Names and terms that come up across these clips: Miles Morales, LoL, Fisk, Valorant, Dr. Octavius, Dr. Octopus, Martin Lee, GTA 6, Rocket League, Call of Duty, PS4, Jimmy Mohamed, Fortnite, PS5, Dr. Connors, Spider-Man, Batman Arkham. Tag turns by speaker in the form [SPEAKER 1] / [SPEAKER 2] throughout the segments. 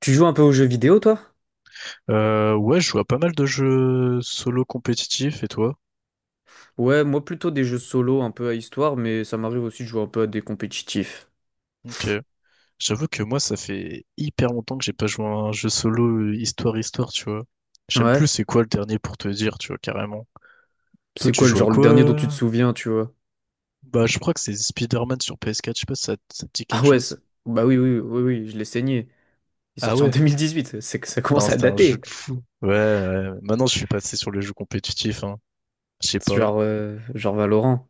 [SPEAKER 1] Tu joues un peu aux jeux vidéo, toi?
[SPEAKER 2] Ouais, je joue à pas mal de jeux solo compétitifs, et toi?
[SPEAKER 1] Ouais, moi plutôt des jeux solo, un peu à histoire, mais ça m'arrive aussi de jouer un peu à des compétitifs.
[SPEAKER 2] Ok. J'avoue que moi, ça fait hyper longtemps que j'ai pas joué à un jeu solo histoire-histoire, tu vois. J'aime plus
[SPEAKER 1] Ouais.
[SPEAKER 2] c'est quoi le dernier pour te dire, tu vois, carrément. Toi,
[SPEAKER 1] C'est
[SPEAKER 2] tu
[SPEAKER 1] quoi le
[SPEAKER 2] joues à
[SPEAKER 1] genre le dernier dont tu te
[SPEAKER 2] quoi?
[SPEAKER 1] souviens, tu vois?
[SPEAKER 2] Bah, je crois que c'est Spider-Man sur PS4, je sais pas si ça te dit
[SPEAKER 1] Ah
[SPEAKER 2] quelque
[SPEAKER 1] ouais,
[SPEAKER 2] chose.
[SPEAKER 1] bah oui, oui, oui, oui, je l'ai saigné. Il est
[SPEAKER 2] Ah
[SPEAKER 1] sorti en
[SPEAKER 2] ouais?
[SPEAKER 1] 2018, c'est que ça commence
[SPEAKER 2] Non,
[SPEAKER 1] à
[SPEAKER 2] c'était un jeu
[SPEAKER 1] dater.
[SPEAKER 2] de fou. Ouais, ouais. Maintenant, je suis passé sur les jeux compétitifs, hein. Je sais
[SPEAKER 1] C'est
[SPEAKER 2] pas.
[SPEAKER 1] genre Valorant.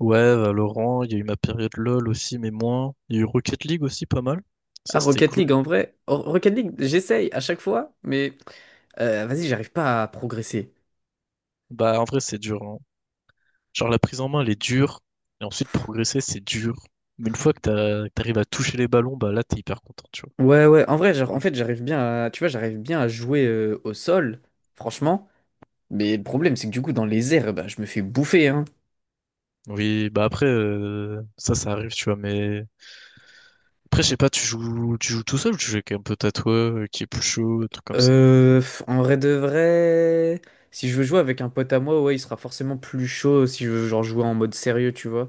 [SPEAKER 2] Ouais, Valorant, il y a eu ma période LoL aussi, mais moins. Il y a eu Rocket League aussi, pas mal. Ça,
[SPEAKER 1] Ah,
[SPEAKER 2] c'était
[SPEAKER 1] Rocket League,
[SPEAKER 2] cool.
[SPEAKER 1] en vrai. Rocket League, j'essaye à chaque fois, mais vas-y, j'arrive pas à progresser.
[SPEAKER 2] Bah, en vrai, c'est dur. Genre la prise en main, elle est dure. Et ensuite, progresser, c'est dur. Mais une fois que t'arrives à toucher les ballons, bah là, t'es hyper content, tu vois.
[SPEAKER 1] Ouais, ouais, en vrai, genre,
[SPEAKER 2] Au
[SPEAKER 1] en
[SPEAKER 2] jeu.
[SPEAKER 1] fait, j'arrive bien à, tu vois, j'arrive bien à jouer au sol, franchement. Mais le problème, c'est que du coup, dans les airs, bah, je me fais bouffer, hein.
[SPEAKER 2] Oui, bah après, ça, ça arrive, tu vois. Mais après, je sais pas, tu joues tout seul ou tu joues avec un peu à toi, qui est plus chaud, un truc comme ça.
[SPEAKER 1] En vrai de vrai, si je veux jouer avec un pote à moi, ouais, il sera forcément plus chaud si je veux genre jouer en mode sérieux, tu vois.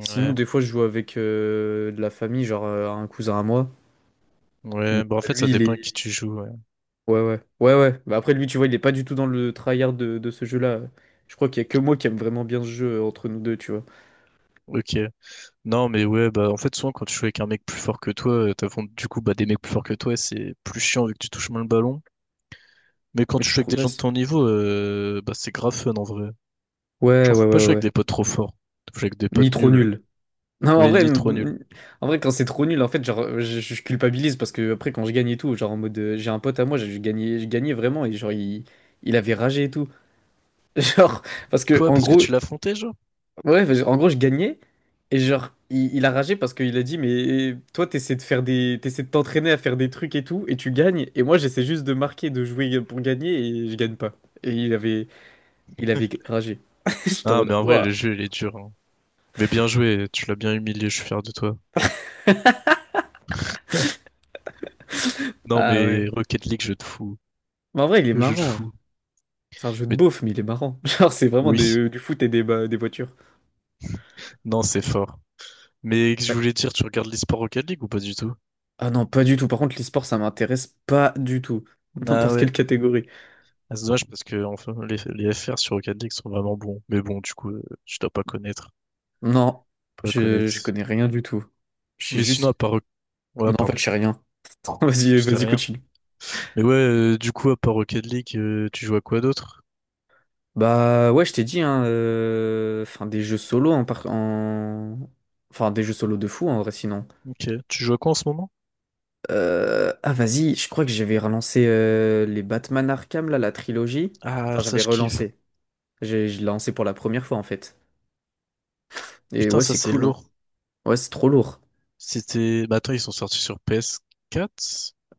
[SPEAKER 1] Sinon, des fois, je joue avec de la famille, genre un cousin à moi. Mais
[SPEAKER 2] ouais. Bah en
[SPEAKER 1] bah,
[SPEAKER 2] fait, ça
[SPEAKER 1] lui, il
[SPEAKER 2] dépend
[SPEAKER 1] est...
[SPEAKER 2] à qui tu joues, ouais.
[SPEAKER 1] Ouais, ouais. Ouais, ouais. Bah après, lui, tu vois, il est pas du tout dans le tryhard de ce jeu-là. Je crois qu'il y a que moi qui aime vraiment bien ce jeu entre nous deux, tu vois.
[SPEAKER 2] Ok. Non, mais ouais, bah en fait, souvent quand tu joues avec un mec plus fort que toi, t'affrontes du coup bah des mecs plus forts que toi, et c'est plus chiant vu que tu touches moins le ballon. Mais quand
[SPEAKER 1] Mais
[SPEAKER 2] tu
[SPEAKER 1] tu
[SPEAKER 2] joues avec des gens de
[SPEAKER 1] progresses.
[SPEAKER 2] ton niveau, bah c'est grave fun en vrai.
[SPEAKER 1] Ouais,
[SPEAKER 2] Genre,
[SPEAKER 1] ouais,
[SPEAKER 2] faut
[SPEAKER 1] ouais,
[SPEAKER 2] pas jouer
[SPEAKER 1] ouais.
[SPEAKER 2] avec
[SPEAKER 1] Ouais.
[SPEAKER 2] des potes trop forts. Faut jouer avec des
[SPEAKER 1] Ni
[SPEAKER 2] potes
[SPEAKER 1] trop
[SPEAKER 2] nuls.
[SPEAKER 1] nul. Non, en
[SPEAKER 2] Oui,
[SPEAKER 1] vrai,
[SPEAKER 2] ni trop nuls.
[SPEAKER 1] quand c'est trop nul, en fait, genre, je culpabilise parce que après, quand je gagne et tout, genre, en mode, j'ai un pote à moi, j'ai gagné, je gagnais vraiment et genre, il avait ragé et tout. Genre, parce que,
[SPEAKER 2] Quoi,
[SPEAKER 1] en
[SPEAKER 2] parce que
[SPEAKER 1] gros,
[SPEAKER 2] tu l'as affronté, genre?
[SPEAKER 1] ouais, parce que, en gros, je gagnais et genre, il a ragé parce qu'il a dit, mais toi, t'essaies de faire des, t'essaies de t'entraîner à faire des trucs et tout et tu gagnes et moi, j'essaie juste de marquer, de jouer pour gagner et je gagne pas. Et il avait ragé. J'étais en
[SPEAKER 2] Ah,
[SPEAKER 1] mode,
[SPEAKER 2] mais en vrai, le
[SPEAKER 1] ouah,
[SPEAKER 2] jeu, il est dur, hein. Mais bien joué, tu l'as bien humilié, je suis fier de toi. Non,
[SPEAKER 1] ah ouais.
[SPEAKER 2] mais Rocket League, jeu de fou.
[SPEAKER 1] Mais en vrai, il est
[SPEAKER 2] Le jeu de
[SPEAKER 1] marrant.
[SPEAKER 2] fou.
[SPEAKER 1] C'est un jeu de
[SPEAKER 2] Mais
[SPEAKER 1] beauf, mais il est marrant. Genre, c'est vraiment
[SPEAKER 2] oui,
[SPEAKER 1] du foot et des, bah, des voitures.
[SPEAKER 2] non, c'est fort. Mais je
[SPEAKER 1] Ouais.
[SPEAKER 2] voulais dire, tu regardes l'eSport Rocket League ou pas du tout?
[SPEAKER 1] Ah non, pas du tout. Par contre, l'e-sport, ça m'intéresse pas du tout.
[SPEAKER 2] Ah
[SPEAKER 1] N'importe
[SPEAKER 2] ouais.
[SPEAKER 1] quelle catégorie.
[SPEAKER 2] Ah, c'est dommage parce que enfin, les FR sur Rocket League sont vraiment bons. Mais bon, du coup, tu dois pas connaître.
[SPEAKER 1] Non,
[SPEAKER 2] Pas
[SPEAKER 1] je
[SPEAKER 2] connaître.
[SPEAKER 1] connais rien du tout. Je sais
[SPEAKER 2] Mais sinon, à
[SPEAKER 1] juste.
[SPEAKER 2] part... Ouais,
[SPEAKER 1] Non, en fait, je
[SPEAKER 2] pardon.
[SPEAKER 1] sais rien. Vas-y,
[SPEAKER 2] Tu sais
[SPEAKER 1] vas-y,
[SPEAKER 2] rien.
[SPEAKER 1] continue.
[SPEAKER 2] Mais ouais, du coup, à part Rocket League, tu joues à quoi d'autre?
[SPEAKER 1] Bah ouais, je t'ai dit, hein, enfin, des jeux solo enfin, des jeux solo de fou, en vrai, sinon.
[SPEAKER 2] Ok. Tu joues à quoi en ce moment?
[SPEAKER 1] Ah, vas-y, je crois que j'avais relancé les Batman Arkham, là, la trilogie.
[SPEAKER 2] Ah,
[SPEAKER 1] Enfin,
[SPEAKER 2] ça,
[SPEAKER 1] j'avais
[SPEAKER 2] je kiffe.
[SPEAKER 1] relancé. J'ai je l'ai lancé pour la première fois, en fait. Et
[SPEAKER 2] Putain,
[SPEAKER 1] ouais,
[SPEAKER 2] ça,
[SPEAKER 1] c'est
[SPEAKER 2] c'est
[SPEAKER 1] cool, hein.
[SPEAKER 2] lourd.
[SPEAKER 1] Ouais, c'est trop lourd.
[SPEAKER 2] C'était... Bah attends, ils sont sortis sur PS4.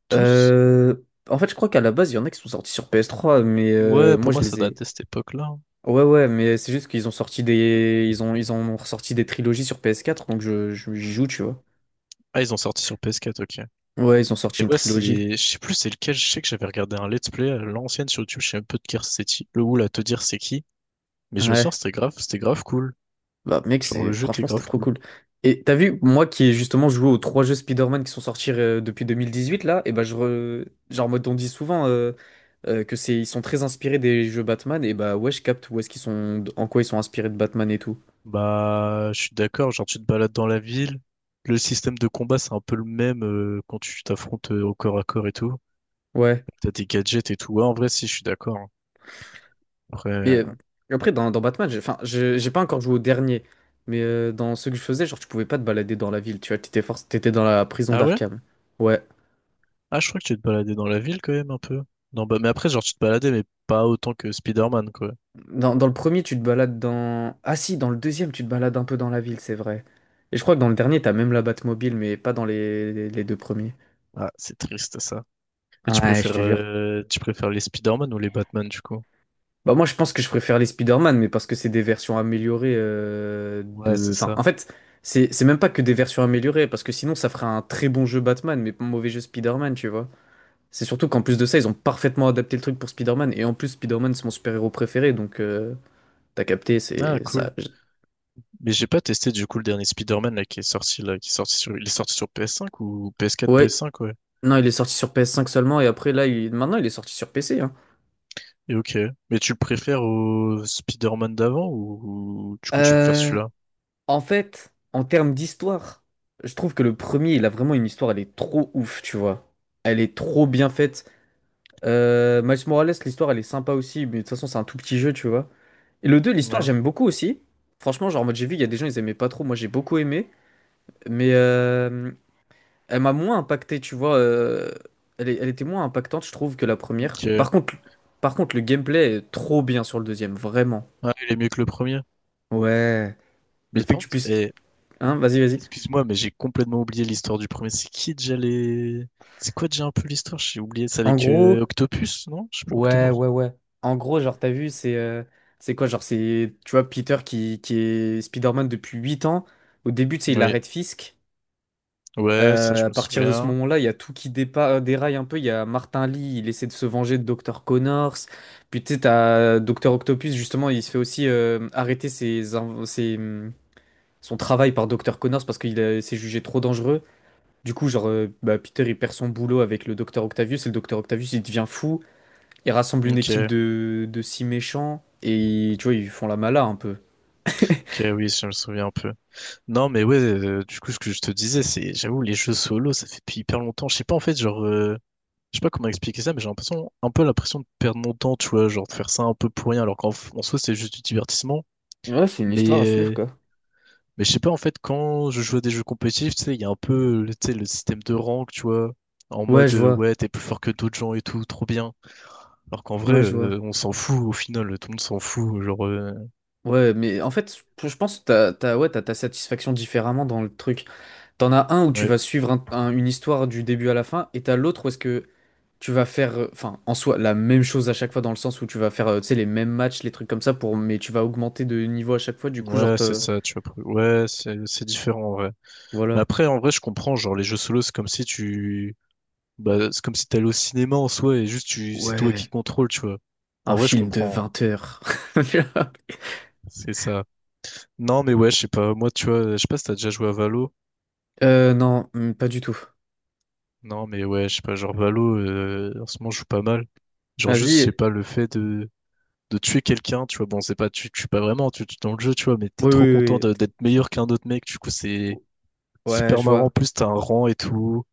[SPEAKER 2] Tous?
[SPEAKER 1] Euh, En fait, je crois qu'à la base, il y en a qui sont sortis sur PS3, mais
[SPEAKER 2] Ouais, pour
[SPEAKER 1] moi, je
[SPEAKER 2] moi, ça
[SPEAKER 1] les
[SPEAKER 2] date
[SPEAKER 1] ai.
[SPEAKER 2] de cette époque-là, hein.
[SPEAKER 1] Ouais, ouais, mais c'est juste qu'ils ont sorti des. Ils ont... ils en ont ressorti des trilogies sur PS4, donc j'y joue, tu vois.
[SPEAKER 2] Ah, ils ont sorti sur PS4. Ok.
[SPEAKER 1] Ouais, ils ont sorti
[SPEAKER 2] Et
[SPEAKER 1] une
[SPEAKER 2] ouais,
[SPEAKER 1] trilogie.
[SPEAKER 2] c'est... Je sais plus c'est lequel. Je sais que j'avais regardé un let's play à l'ancienne sur YouTube. Je sais un peu de qui c'est qui. Le oul à te dire c'est qui. Mais je me souviens,
[SPEAKER 1] Ouais.
[SPEAKER 2] c'était grave. C'était grave cool.
[SPEAKER 1] Bah, mec,
[SPEAKER 2] Genre,
[SPEAKER 1] c'est...
[SPEAKER 2] le jeu était
[SPEAKER 1] franchement, c'était
[SPEAKER 2] grave
[SPEAKER 1] trop
[SPEAKER 2] cool.
[SPEAKER 1] cool. Et t'as vu, moi qui ai justement joué aux trois jeux Spider-Man qui sont sortis depuis 2018, là, et bah, genre, en mode, on dit souvent. Que c'est ils sont très inspirés des jeux Batman et bah ouais je capte où est-ce qu'ils sont en quoi ils sont inspirés de Batman et tout.
[SPEAKER 2] Bah, je suis d'accord, genre tu te balades dans la ville, le système de combat c'est un peu le même quand tu t'affrontes au corps à corps et tout.
[SPEAKER 1] Ouais.
[SPEAKER 2] T'as des gadgets et tout. Ouais, en vrai si je suis d'accord, hein. Après
[SPEAKER 1] Mais
[SPEAKER 2] euh,
[SPEAKER 1] après, dans Batman, j'ai, enfin, j'ai pas encore joué au dernier. Mais dans ce que je faisais, genre, tu pouvais pas te balader dans la ville. Tu vois, t'étais dans la prison
[SPEAKER 2] Ah ouais?
[SPEAKER 1] d'Arkham. Ouais.
[SPEAKER 2] Ah je crois que tu te baladais dans la ville quand même un peu. Non bah mais après genre tu te baladais mais pas autant que Spider-Man quoi.
[SPEAKER 1] Dans le premier, tu te balades dans. Ah si, dans le deuxième, tu te balades un peu dans la ville, c'est vrai. Et je crois que dans le dernier, t'as même la Batmobile, mais pas dans les deux premiers.
[SPEAKER 2] Ah, c'est triste ça. Et tu
[SPEAKER 1] Ouais, je
[SPEAKER 2] préfères
[SPEAKER 1] te jure.
[SPEAKER 2] euh, tu préfères les Spider-Man ou les Batman du coup?
[SPEAKER 1] Bah moi je pense que je préfère les Spider-Man, mais parce que c'est des versions améliorées
[SPEAKER 2] Ouais,
[SPEAKER 1] de...
[SPEAKER 2] c'est
[SPEAKER 1] Enfin, en
[SPEAKER 2] ça.
[SPEAKER 1] fait, c'est même pas que des versions améliorées, parce que sinon ça ferait un très bon jeu Batman, mais pas un mauvais jeu Spider-Man, tu vois. C'est surtout qu'en plus de ça, ils ont parfaitement adapté le truc pour Spider-Man. Et en plus, Spider-Man, c'est mon super-héros préféré. Donc, t'as capté,
[SPEAKER 2] Ah
[SPEAKER 1] c'est
[SPEAKER 2] cool.
[SPEAKER 1] ça.
[SPEAKER 2] Mais j'ai pas testé du coup le dernier Spider-Man là qui est sorti là, qui est sorti sur il est sorti sur PS5 ou PS4,
[SPEAKER 1] Ouais,
[SPEAKER 2] PS5 ouais.
[SPEAKER 1] non, il est sorti sur PS5 seulement. Et après, là, il... maintenant, il est sorti sur PC. Hein.
[SPEAKER 2] Et ok. Mais tu le préfères au Spider-Man d'avant ou du coup tu préfères
[SPEAKER 1] Euh,
[SPEAKER 2] celui-là?
[SPEAKER 1] En fait, en termes d'histoire, je trouve que le premier, il a vraiment une histoire. Elle est trop ouf, tu vois. Elle est trop bien faite. Miles Morales, l'histoire, elle est sympa aussi. Mais de toute façon, c'est un tout petit jeu, tu vois. Et le 2 l'histoire,
[SPEAKER 2] Ouais.
[SPEAKER 1] j'aime beaucoup aussi. Franchement, genre, en mode, j'ai vu, il y a des gens, ils aimaient pas trop. Moi, j'ai beaucoup aimé. Mais. Elle m'a moins impacté, tu vois. Elle était moins impactante, je trouve, que la première. Par
[SPEAKER 2] Ok.
[SPEAKER 1] contre, le gameplay est trop bien sur le deuxième, vraiment.
[SPEAKER 2] Ah, il est mieux que le premier.
[SPEAKER 1] Ouais.
[SPEAKER 2] Mais
[SPEAKER 1] Le fait
[SPEAKER 2] par
[SPEAKER 1] que tu
[SPEAKER 2] contre,
[SPEAKER 1] puisses. Hein, vas-y, vas-y.
[SPEAKER 2] excuse-moi, mais j'ai complètement oublié l'histoire du premier. C'est qui déjà les... C'est quoi déjà un peu l'histoire? J'ai oublié. C'est
[SPEAKER 1] En
[SPEAKER 2] avec
[SPEAKER 1] gros,
[SPEAKER 2] Octopus, non? Je sais plus,
[SPEAKER 1] ouais,
[SPEAKER 2] Octopus.
[SPEAKER 1] ouais, ouais. En gros, genre, t'as vu, c'est. C'est quoi, genre, c'est. Tu vois, Peter qui est Spider-Man depuis 8 ans. Au début, tu sais, il
[SPEAKER 2] Oui.
[SPEAKER 1] arrête Fisk.
[SPEAKER 2] Ouais, ça je
[SPEAKER 1] À
[SPEAKER 2] me
[SPEAKER 1] partir de ce
[SPEAKER 2] souviens.
[SPEAKER 1] moment-là, il y a tout qui déraille un peu. Il y a Martin Lee, il essaie de se venger de Dr. Connors. Puis tu sais, t'as Dr. Octopus, justement, il se fait aussi arrêter son travail par Dr. Connors parce qu'il s'est jugé trop dangereux. Du coup, genre, bah, Peter, il perd son boulot avec le Dr. Octavius et le Dr. Octavius, il devient fou. Il rassemble une
[SPEAKER 2] Ok.
[SPEAKER 1] équipe de 6 méchants et tu vois, ils font la mala un peu.
[SPEAKER 2] Ok, oui, je me souviens un peu. Non, mais ouais, du coup, ce que je te disais, c'est, j'avoue, les jeux solo, ça fait depuis hyper longtemps. Je sais pas, en fait, genre, je sais pas comment expliquer ça, mais j'ai l'impression, un peu l'impression de perdre mon temps, tu vois, genre de faire ça un peu pour rien, alors qu'en soi, c'est juste du divertissement.
[SPEAKER 1] Ouais, c'est une histoire
[SPEAKER 2] Mais,
[SPEAKER 1] à suivre,
[SPEAKER 2] euh,
[SPEAKER 1] quoi.
[SPEAKER 2] mais je sais pas, en fait, quand je joue à des jeux compétitifs, tu sais, il y a un peu, tu sais, le système de rank, tu vois, en
[SPEAKER 1] Ouais,
[SPEAKER 2] mode,
[SPEAKER 1] je vois.
[SPEAKER 2] ouais, t'es plus fort que d'autres gens et tout, trop bien. Alors qu'en vrai,
[SPEAKER 1] Ouais, je vois.
[SPEAKER 2] on s'en fout, au final, tout le monde s'en fout, genre,
[SPEAKER 1] Ouais, mais en fait, je pense que t'as, ouais, t'as ta satisfaction différemment dans le truc. T'en as un où tu
[SPEAKER 2] ouais,
[SPEAKER 1] vas suivre une histoire du début à la fin, et t'as l'autre où est-ce que tu vas faire, enfin, en soi, la même chose à chaque fois, dans le sens où tu vas faire, tu sais, les mêmes matchs, les trucs comme ça, pour, mais tu vas augmenter de niveau à chaque fois, du coup, genre,
[SPEAKER 2] ouais, c'est ça, tu vois, ouais, c'est différent, ouais. Mais
[SPEAKER 1] voilà.
[SPEAKER 2] après, en vrai, je comprends, genre, les jeux solo, c'est comme si tu, bah, c'est comme si t'allais au cinéma en soi et juste c'est toi qui
[SPEAKER 1] Ouais,
[SPEAKER 2] contrôle, tu vois.
[SPEAKER 1] un
[SPEAKER 2] En vrai, je
[SPEAKER 1] film de
[SPEAKER 2] comprends, hein.
[SPEAKER 1] 20 heures.
[SPEAKER 2] C'est ça. Non, mais ouais, je sais pas. Moi, tu vois, je sais pas si t'as déjà joué à Valo.
[SPEAKER 1] Non, pas du tout.
[SPEAKER 2] Non, mais ouais, je sais pas. Genre, Valo, en ce moment, je joue pas mal. Genre, juste, c'est
[SPEAKER 1] Vas-y.
[SPEAKER 2] pas le fait de tuer quelqu'un, tu vois. Bon, c'est pas, tu tues pas vraiment, tu tues dans le jeu, tu vois, mais t'es
[SPEAKER 1] Oui,
[SPEAKER 2] trop
[SPEAKER 1] oui,
[SPEAKER 2] content
[SPEAKER 1] oui.
[SPEAKER 2] d'être meilleur qu'un autre mec. Du coup,
[SPEAKER 1] Oui.
[SPEAKER 2] c'est
[SPEAKER 1] Ouais,
[SPEAKER 2] hyper
[SPEAKER 1] je
[SPEAKER 2] marrant. En
[SPEAKER 1] vois.
[SPEAKER 2] plus, t'as un rang et tout.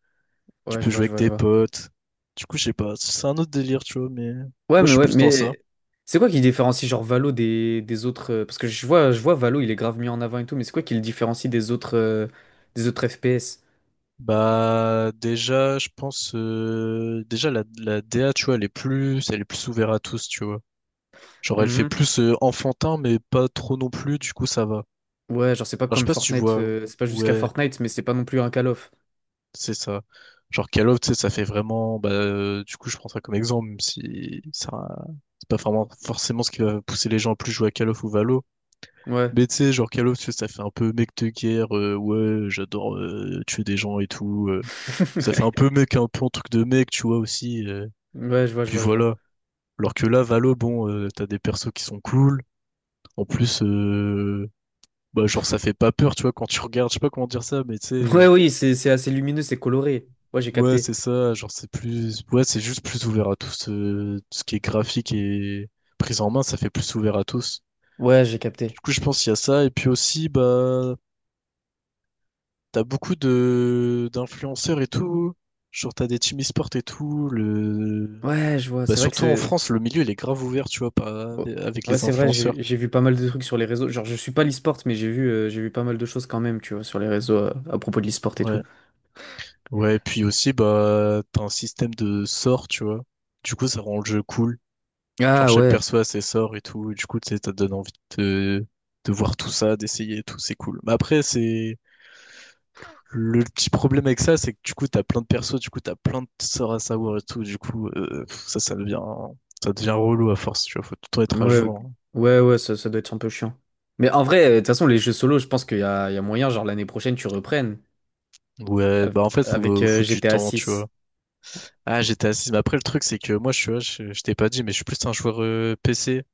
[SPEAKER 2] Tu
[SPEAKER 1] Ouais, je
[SPEAKER 2] peux
[SPEAKER 1] vois,
[SPEAKER 2] jouer
[SPEAKER 1] je
[SPEAKER 2] avec
[SPEAKER 1] vois, je
[SPEAKER 2] des
[SPEAKER 1] vois.
[SPEAKER 2] potes. Du coup, je sais pas. C'est un autre délire, tu vois, mais moi, je suis
[SPEAKER 1] Ouais,
[SPEAKER 2] plus dans ça.
[SPEAKER 1] mais c'est quoi qui différencie genre Valo des autres parce que je vois, Valo, il est grave mis en avant et tout, mais c'est quoi qui le différencie des autres FPS?
[SPEAKER 2] Bah déjà, je pense déjà la DA, tu vois, elle est plus ouverte à tous, tu vois. Genre elle fait
[SPEAKER 1] Mhm.
[SPEAKER 2] plus enfantin, mais pas trop non plus, du coup ça va.
[SPEAKER 1] Ouais, genre c'est pas
[SPEAKER 2] Enfin, je sais
[SPEAKER 1] comme
[SPEAKER 2] pas si tu
[SPEAKER 1] Fortnite,
[SPEAKER 2] vois.
[SPEAKER 1] c'est pas jusqu'à
[SPEAKER 2] Ouais,
[SPEAKER 1] Fortnite, mais c'est pas non plus un Call of.
[SPEAKER 2] c'est ça. Genre Call of, tu sais, ça fait vraiment, bah du coup je prends ça comme exemple, même si ça, c'est pas vraiment forcément ce qui va pousser les gens à plus jouer à Call of ou Valo.
[SPEAKER 1] Ouais.
[SPEAKER 2] Mais tu sais, genre Call of, tu sais, ça fait un peu mec de guerre, ouais, j'adore tuer des gens et tout. Ça fait un peu mec, un peu un truc de mec, tu vois aussi.
[SPEAKER 1] Ouais, je vois, je
[SPEAKER 2] Puis
[SPEAKER 1] vois, je vois.
[SPEAKER 2] voilà. Alors que là, Valo, bon, t'as des persos qui sont cool. En plus, bah, genre, ça fait pas peur, tu vois, quand tu regardes, je sais pas comment dire ça, mais tu sais,
[SPEAKER 1] Ouais, oui, c'est assez lumineux, c'est coloré. Ouais, j'ai
[SPEAKER 2] ouais,
[SPEAKER 1] capté.
[SPEAKER 2] c'est ça, genre, c'est plus, ouais, c'est juste plus ouvert à tous, ce qui est graphique et prise en main, ça fait plus ouvert à tous.
[SPEAKER 1] Ouais, j'ai capté.
[SPEAKER 2] Du coup, je pense qu'il y a ça, et puis aussi, bah, t'as beaucoup d'influenceurs et tout, genre, t'as des team e-sport et tout, le,
[SPEAKER 1] Ouais, je vois.
[SPEAKER 2] bah,
[SPEAKER 1] C'est vrai que
[SPEAKER 2] surtout en
[SPEAKER 1] c'est.
[SPEAKER 2] France, le milieu, il est grave ouvert, tu vois,
[SPEAKER 1] Oh.
[SPEAKER 2] avec
[SPEAKER 1] Ouais,
[SPEAKER 2] les
[SPEAKER 1] c'est vrai,
[SPEAKER 2] influenceurs.
[SPEAKER 1] j'ai vu pas mal de trucs sur les réseaux. Genre, je suis pas l'e-sport, mais j'ai vu pas mal de choses quand même, tu vois, sur les réseaux à propos de l'e-sport et tout.
[SPEAKER 2] Ouais. Ouais, puis aussi, bah, t'as un système de sorts, tu vois. Du coup, ça rend le jeu cool. Genre,
[SPEAKER 1] Ah
[SPEAKER 2] chaque
[SPEAKER 1] ouais,
[SPEAKER 2] perso a ses sorts et tout. Et du coup, tu sais, ça te donne envie de voir tout ça, d'essayer et tout. C'est cool. Mais après, c'est, le petit problème avec ça, c'est que du coup, t'as plein de persos, du coup, t'as plein de sorts à savoir et tout. Du coup, pff, ça, ça devient relou à force, tu vois. Faut tout le temps être à
[SPEAKER 1] ouais,
[SPEAKER 2] jour,
[SPEAKER 1] ouais, ouais, ça doit être un peu chiant. Mais en vrai, de toute façon, les jeux solo, je pense qu'il y a, moyen, genre l'année prochaine, tu reprennes
[SPEAKER 2] hein. Ouais,
[SPEAKER 1] av-
[SPEAKER 2] bah, en fait,
[SPEAKER 1] avec,
[SPEAKER 2] faut, faut du
[SPEAKER 1] GTA
[SPEAKER 2] temps, tu
[SPEAKER 1] 6.
[SPEAKER 2] vois. Ah, j'étais assis. Mais après, le truc, c'est que moi, je suis, ouais, je t'ai pas dit, mais je suis plus un joueur PC.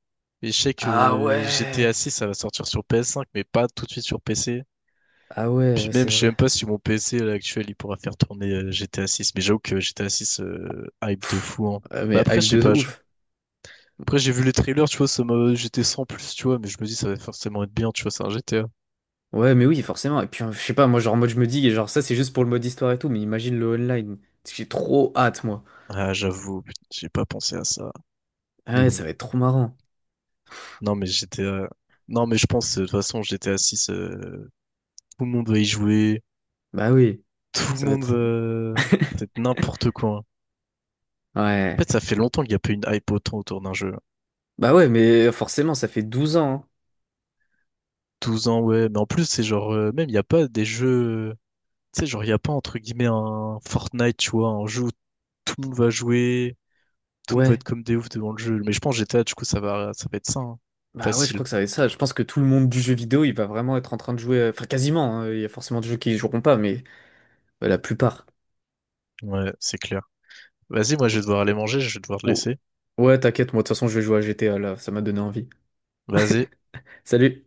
[SPEAKER 2] Et je sais
[SPEAKER 1] Ah
[SPEAKER 2] que
[SPEAKER 1] ouais,
[SPEAKER 2] GTA 6, ça va sortir sur PS5, mais pas tout de suite sur PC.
[SPEAKER 1] ah
[SPEAKER 2] Puis
[SPEAKER 1] ouais,
[SPEAKER 2] même,
[SPEAKER 1] c'est
[SPEAKER 2] je sais
[SPEAKER 1] vrai.
[SPEAKER 2] même pas si mon PC là, actuel, il pourra faire tourner GTA 6. Mais j'avoue que GTA 6, hype de fou, hein.
[SPEAKER 1] Euh,
[SPEAKER 2] Bah
[SPEAKER 1] mais
[SPEAKER 2] après,
[SPEAKER 1] hype
[SPEAKER 2] je sais
[SPEAKER 1] de
[SPEAKER 2] pas.
[SPEAKER 1] ouf.
[SPEAKER 2] Après, j'ai vu les trailers, tu vois, ça m'a... j'étais sans plus, tu vois, mais je me dis, ça va forcément être bien, tu vois, c'est un GTA.
[SPEAKER 1] Ouais, mais oui, forcément. Et puis, je sais pas, moi, genre, en mode, je me dis, genre, ça, c'est juste pour le mode histoire et tout, mais imagine le online. J'ai trop hâte, moi.
[SPEAKER 2] Ah, j'avoue, putain, j'ai pas pensé à ça.
[SPEAKER 1] Ah
[SPEAKER 2] Mais
[SPEAKER 1] ouais,
[SPEAKER 2] bon.
[SPEAKER 1] ça va être trop marrant.
[SPEAKER 2] Non, mais GTA... Non, mais je pense, de toute façon, GTA 6, tout le monde va y jouer.
[SPEAKER 1] Bah oui,
[SPEAKER 2] Tout le
[SPEAKER 1] ça va
[SPEAKER 2] monde
[SPEAKER 1] être.
[SPEAKER 2] veut... C'est n'importe quoi, hein. En
[SPEAKER 1] Ouais.
[SPEAKER 2] fait, ça fait longtemps qu'il n'y a pas une hype autant autour d'un jeu.
[SPEAKER 1] Bah ouais, mais forcément, ça fait 12 ans. Hein.
[SPEAKER 2] 12 ans, ouais, mais en plus, c'est genre, même, il n'y a pas des jeux. Tu sais, genre, il n'y a pas, entre guillemets, un Fortnite, tu vois, un jeu où tout le monde va jouer, tout le monde va être
[SPEAKER 1] Ouais.
[SPEAKER 2] comme des oufs devant le jeu. Mais je pense GTA, du coup, ça va être ça, hein.
[SPEAKER 1] Bah ouais, je
[SPEAKER 2] Facile.
[SPEAKER 1] crois que ça va être ça. Je pense que tout le monde du jeu vidéo, il va vraiment être en train de jouer. Enfin, quasiment. Hein. Il y a forcément des jeux qui y joueront pas, mais la plupart.
[SPEAKER 2] Ouais, c'est clair. Vas-y, moi, je vais devoir aller manger, je vais devoir te
[SPEAKER 1] Oh.
[SPEAKER 2] laisser.
[SPEAKER 1] Ouais, t'inquiète, moi, de toute façon, je vais jouer à GTA là. Ça m'a donné envie.
[SPEAKER 2] Vas-y.
[SPEAKER 1] Salut!